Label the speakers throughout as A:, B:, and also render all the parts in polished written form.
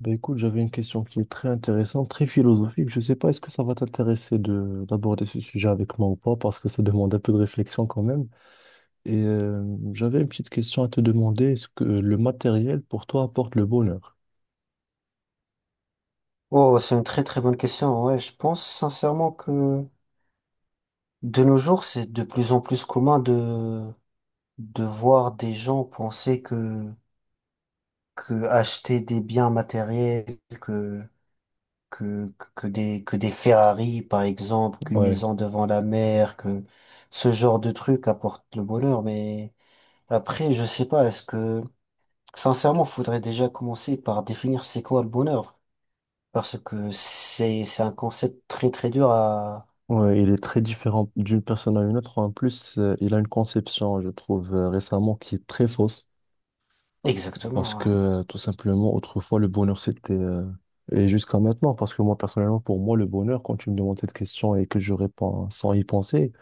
A: Ben écoute, j'avais une question qui est très intéressante, très philosophique. Je sais pas, est-ce que ça va t'intéresser de d'aborder ce sujet avec moi ou pas, parce que ça demande un peu de réflexion quand même. Et euh, J'avais une petite question à te demander, est-ce que le matériel pour toi apporte le bonheur?
B: Oh, c'est une très très bonne question. Ouais, je pense sincèrement que de nos jours, c'est de plus en plus commun de voir des gens penser que acheter des biens matériels, que des Ferrari par exemple, qu'une
A: Ouais,
B: maison devant la mer, que ce genre de truc apporte le bonheur. Mais après, je sais pas. Est-ce que sincèrement, faudrait déjà commencer par définir c'est quoi le bonheur? Parce que c'est un concept très très dur à…
A: ouais, il est très différent d'une personne à une autre. En plus, il a une conception, je trouve, récemment qui est très fausse, parce
B: Exactement,
A: que
B: ouais.
A: tout simplement, autrefois, le bonheur, c'était et jusqu'à maintenant. Parce que moi, personnellement, pour moi, le bonheur, quand tu me demandes cette question et que je réponds sans y penser,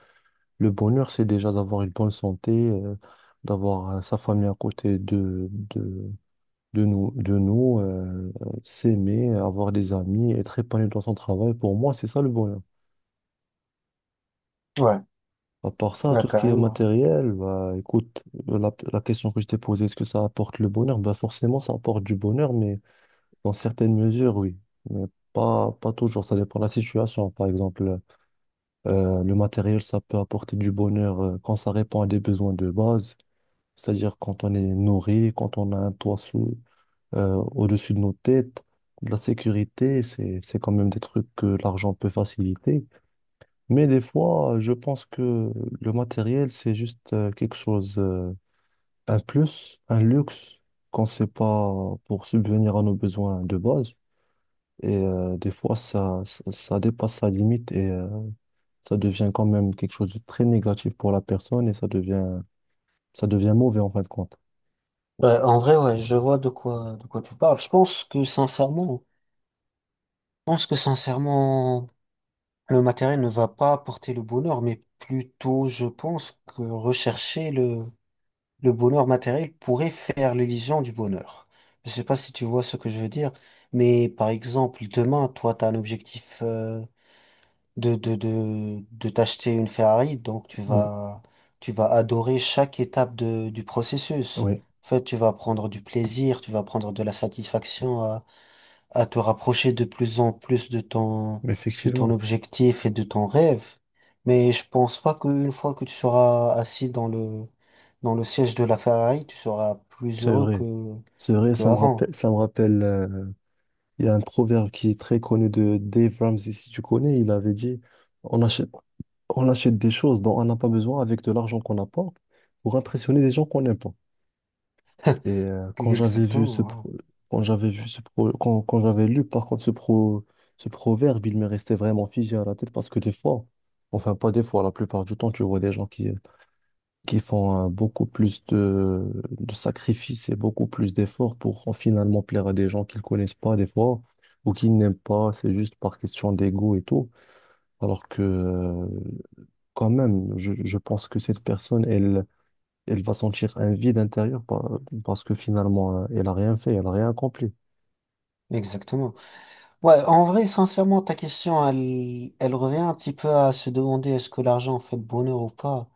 A: le bonheur, c'est déjà d'avoir une bonne santé, d'avoir sa famille à côté de nous, s'aimer, avoir des amis, être épanoui dans son travail. Pour moi, c'est ça le bonheur.
B: Ouais,
A: À part ça,
B: bah
A: tout ce qui est
B: carrément.
A: matériel, bah, écoute, la question que je t'ai posée, est-ce que ça apporte le bonheur? Bah, forcément, ça apporte du bonheur, mais dans certaines mesures, oui. Mais pas toujours, ça dépend de la situation. Par exemple, le matériel, ça peut apporter du bonheur quand ça répond à des besoins de base. C'est-à-dire quand on est nourri, quand on a un toit sous, au-dessus de nos têtes, de la sécurité. C'est quand même des trucs que l'argent peut faciliter. Mais des fois, je pense que le matériel, c'est juste quelque chose, un plus, un luxe, qu'on ne sait pas pour subvenir à nos besoins de base. Des fois, ça dépasse la limite et ça devient quand même quelque chose de très négatif pour la personne et ça devient mauvais en fin de compte.
B: Ouais, en vrai, ouais, je vois de quoi tu parles. Je pense que sincèrement, le matériel ne va pas apporter le bonheur, mais plutôt, je pense que rechercher le bonheur matériel pourrait faire l'illusion du bonheur. Je sais pas si tu vois ce que je veux dire, mais par exemple, demain, toi, tu as un objectif, de t'acheter une Ferrari, donc
A: Oui,
B: tu vas adorer chaque étape du processus.
A: oui,
B: En fait, tu vas prendre du plaisir, tu vas prendre de la satisfaction à te rapprocher de plus en plus de de ton
A: effectivement,
B: objectif et de ton rêve. Mais je pense pas qu'une fois que tu seras assis dans dans le siège de la Ferrari, tu seras plus
A: c'est
B: heureux
A: vrai. C'est vrai,
B: que
A: ça me
B: avant.
A: rappelle, il y a un proverbe qui est très connu de Dave Ramsey, si tu connais. Il avait dit, on achète, on achète des choses dont on n'a pas besoin avec de l'argent qu'on n'a pas pour impressionner des gens qu'on n'aime pas. Quand j'avais vu ce
B: Exactement, ouais.
A: pro- quand j'avais vu ce pro- quand, quand j'avais lu par contre ce ce proverbe, il me restait vraiment figé à la tête parce que des fois, enfin pas des fois, la plupart du temps, tu vois des gens qui font beaucoup plus de sacrifices et beaucoup plus d'efforts pour finalement plaire à des gens qu'ils connaissent pas des fois ou qu'ils n'aiment pas, c'est juste par question d'ego et tout, alors que quand même, je pense que cette personne, elle va sentir un vide intérieur parce que finalement, elle a rien fait, elle a rien accompli.
B: Exactement. Ouais, en vrai, sincèrement, ta question, elle revient un petit peu à se demander est-ce que l'argent fait le bonheur ou pas.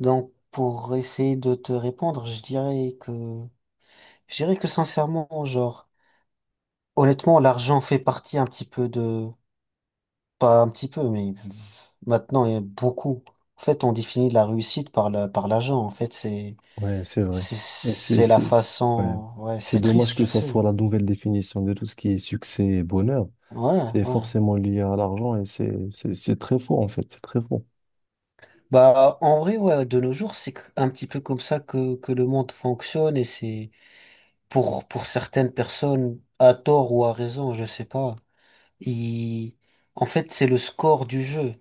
B: Donc, pour essayer de te répondre, je dirais que sincèrement, genre, honnêtement, l'argent fait partie un petit peu de, pas un petit peu, mais maintenant, il y a beaucoup. En fait, on définit la réussite par par l'argent. En fait,
A: Ouais, c'est vrai. Et
B: c'est la
A: ouais.
B: façon, ouais,
A: C'est
B: c'est
A: dommage
B: triste,
A: que
B: je
A: ça soit
B: sais.
A: la nouvelle définition de tout ce qui est succès et bonheur.
B: Ouais,
A: C'est
B: ouais.
A: forcément lié à l'argent et c'est très faux en fait, c'est très faux.
B: Bah, en vrai, ouais, de nos jours, un petit peu comme ça que le monde fonctionne et c'est pour certaines personnes, à tort ou à raison, je sais pas. ils- En fait, c'est le score du jeu.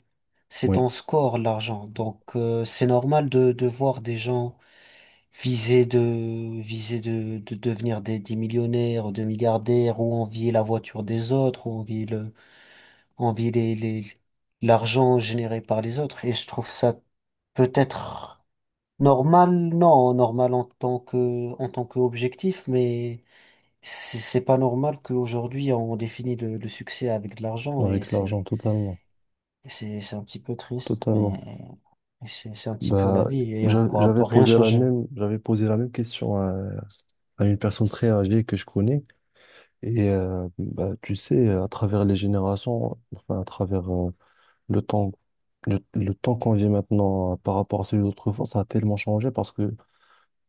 B: C'est
A: Oui,
B: ton score, l'argent. Donc, c'est normal de voir des gens viser de, viser de devenir des millionnaires ou des milliardaires ou envier la voiture des autres ou envier envier l'argent généré par les autres. Et je trouve ça peut-être… Normal, non, normal en tant que, en tant qu'objectif, mais c'est pas normal qu'aujourd'hui on définit le succès avec de l'argent et
A: avec l'argent, totalement,
B: c'est un petit peu triste, mais
A: totalement.
B: c'est un petit peu la
A: Bah,
B: vie et on pourra pas rien changer.
A: j'avais posé la même question à une personne très âgée que je connais. Bah, tu sais, à travers les générations, enfin, à travers le temps, le temps qu'on vit maintenant par rapport à celui d'autrefois, ça a tellement changé parce que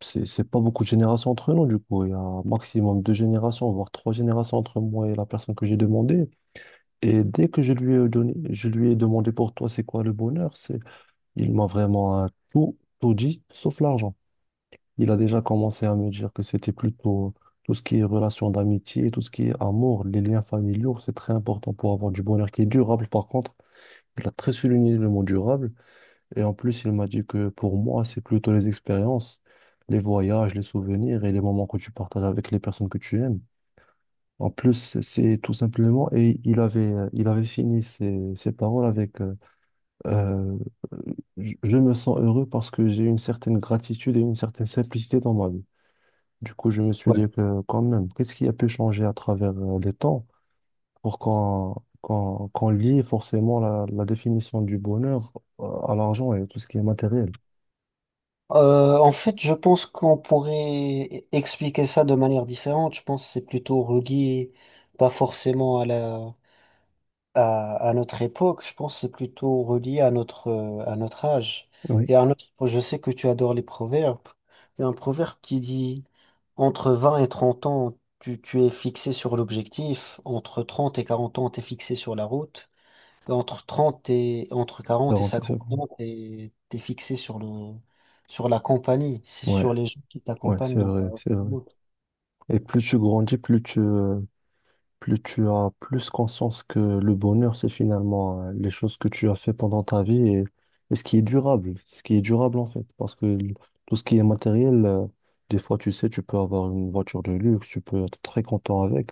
A: c'est pas beaucoup de générations entre nous, du coup. Il y a un maximum deux générations, voire trois générations entre moi et la personne que j'ai demandé. Et dès que je lui ai donné, je lui ai demandé pour toi, c'est quoi le bonheur, c'est, il m'a vraiment tout dit, sauf l'argent. Il a déjà commencé à me dire que c'était plutôt tout ce qui est relation d'amitié, tout ce qui est amour, les liens familiaux, c'est très important pour avoir du bonheur qui est durable. Par contre, il a très souligné le mot durable. Et en plus, il m'a dit que pour moi, c'est plutôt les expériences, les voyages, les souvenirs et les moments que tu partages avec les personnes que tu aimes. En plus, c'est tout simplement, et il avait fini ses, ses paroles avec euh, je me sens heureux parce que j'ai une certaine gratitude et une certaine simplicité dans ma vie. Du coup, je me suis dit que quand même, qu'est-ce qui a pu changer à travers les temps pour qu'on lie forcément la définition du bonheur à l'argent et tout ce qui est matériel?
B: En fait, je pense qu'on pourrait expliquer ça de manière différente. Je pense que c'est plutôt relié, pas forcément à à notre époque, je pense que c'est plutôt relié à notre âge.
A: Oui,
B: Et à notre… Je sais que tu adores les proverbes. Il y a un proverbe qui dit, entre 20 et 30 ans, tu es fixé sur l'objectif. Entre 30 et 40 ans, tu es fixé sur la route. Et entre 30 et, entre 40 et
A: 40
B: cinquante ans,
A: secondes.
B: fixé sur le, sur la compagnie. C'est
A: Ouais,
B: sur les gens qui
A: ouais,
B: t'accompagnent
A: c'est
B: dans ta
A: vrai, c'est vrai.
B: route.
A: Et plus tu grandis, plus tu as plus conscience que le bonheur, c'est finalement les choses que tu as fait pendant ta vie et ce qui est durable, ce qui est durable en fait. Parce que tout ce qui est matériel, des fois, tu sais, tu peux avoir une voiture de luxe, tu peux être très content avec.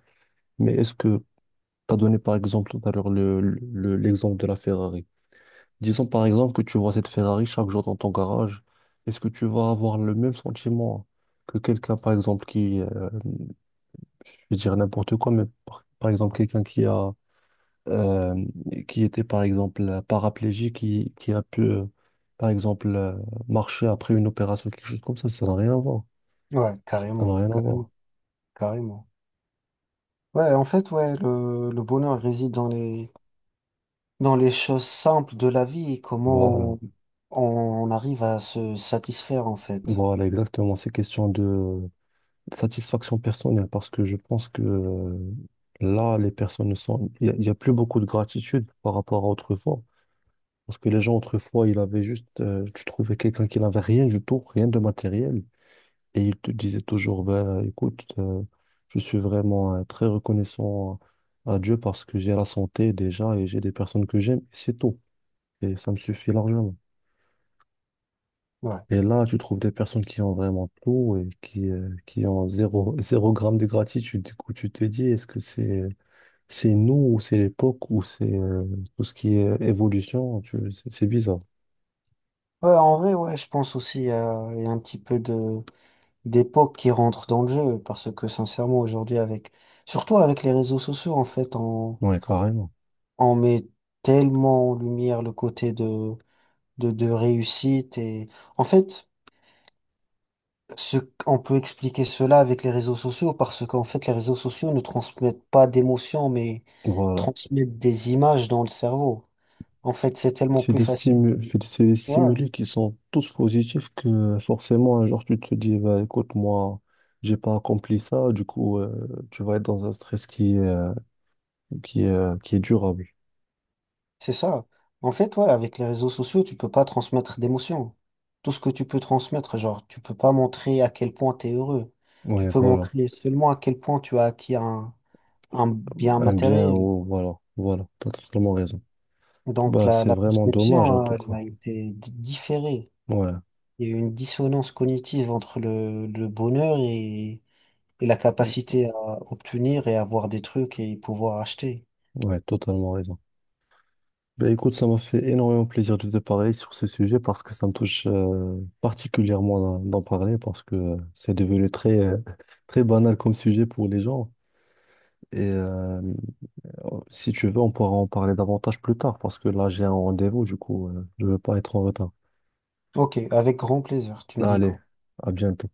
A: Mais est-ce que tu as donné par exemple tout à l'heure l'exemple de la Ferrari? Disons par exemple que tu vois cette Ferrari chaque jour dans ton garage. Est-ce que tu vas avoir le même sentiment que quelqu'un, par exemple, qui, je vais dire n'importe quoi, mais par exemple, quelqu'un qui a euh, qui était par exemple paraplégique, qui a pu, par exemple, marcher après une opération, quelque chose comme ça n'a rien à voir.
B: Ouais,
A: Ça n'a
B: carrément,
A: rien à
B: carrément,
A: voir.
B: carrément. Ouais, en fait, ouais, le bonheur réside dans les choses simples de la vie,
A: Voilà.
B: comment on arrive à se satisfaire en fait.
A: Voilà, exactement. C'est question de satisfaction personnelle parce que je pense que là, les personnes ne sont. Il y a plus beaucoup de gratitude par rapport à autrefois. Parce que les gens, autrefois, ils avaient juste. Tu trouvais quelqu'un qui n'avait rien du tout, rien de matériel. Et il te disait toujours, ben, écoute, je suis vraiment très reconnaissant à Dieu parce que j'ai la santé déjà et j'ai des personnes que j'aime, et c'est tout. Et ça me suffit largement.
B: Ouais.
A: Et là, tu trouves des personnes qui ont vraiment tout et qui ont zéro, zéro gramme de gratitude. Du coup, tu te dis, est-ce que c'est nous ou c'est l'époque ou c'est tout ce qui est évolution? C'est bizarre.
B: Ouais, en vrai, ouais, je pense aussi, il y a un petit peu de d'époque qui rentre dans le jeu, parce que sincèrement aujourd'hui avec… surtout avec les réseaux sociaux, en fait on
A: Ouais, carrément.
B: met tellement en lumière le côté de de réussite. Et en fait… Ce, on peut expliquer cela avec les réseaux sociaux parce qu'en fait, les réseaux sociaux ne transmettent pas d'émotions, mais
A: Voilà.
B: transmettent des images dans le cerveau. En fait, c'est tellement plus facile.
A: C'est des
B: Ouais,
A: stimuli qui sont tous positifs que forcément un jour tu te dis bah, écoute moi j'ai pas accompli ça du coup tu vas être dans un stress qui est, qui est durable.
B: c'est ça. En fait, ouais, avec les réseaux sociaux, tu peux pas transmettre d'émotions. Tout ce que tu peux transmettre, genre, tu peux pas montrer à quel point tu es heureux. Tu
A: Ouais
B: peux
A: voilà.
B: montrer seulement à quel point tu as acquis un bien
A: Un bien
B: matériel.
A: ou voilà, voilà, t'as totalement raison.
B: Donc,
A: Bah c'est
B: la
A: vraiment dommage en
B: perception,
A: tout cas.
B: elle a été différée.
A: Ouais,
B: Il y a une dissonance cognitive entre le bonheur et la capacité à obtenir et avoir des trucs et pouvoir acheter.
A: ouais, totalement raison. Ben écoute, ça m'a fait énormément plaisir de te parler sur ce sujet parce que ça me touche particulièrement d'en parler parce que c'est devenu très, très banal comme sujet pour les gens. Et euh, si tu veux, on pourra en parler davantage plus tard parce que là, j'ai un rendez-vous, du coup, je ne veux pas être en retard.
B: Ok, avec grand plaisir, tu me dis
A: Allez,
B: quand.
A: à bientôt.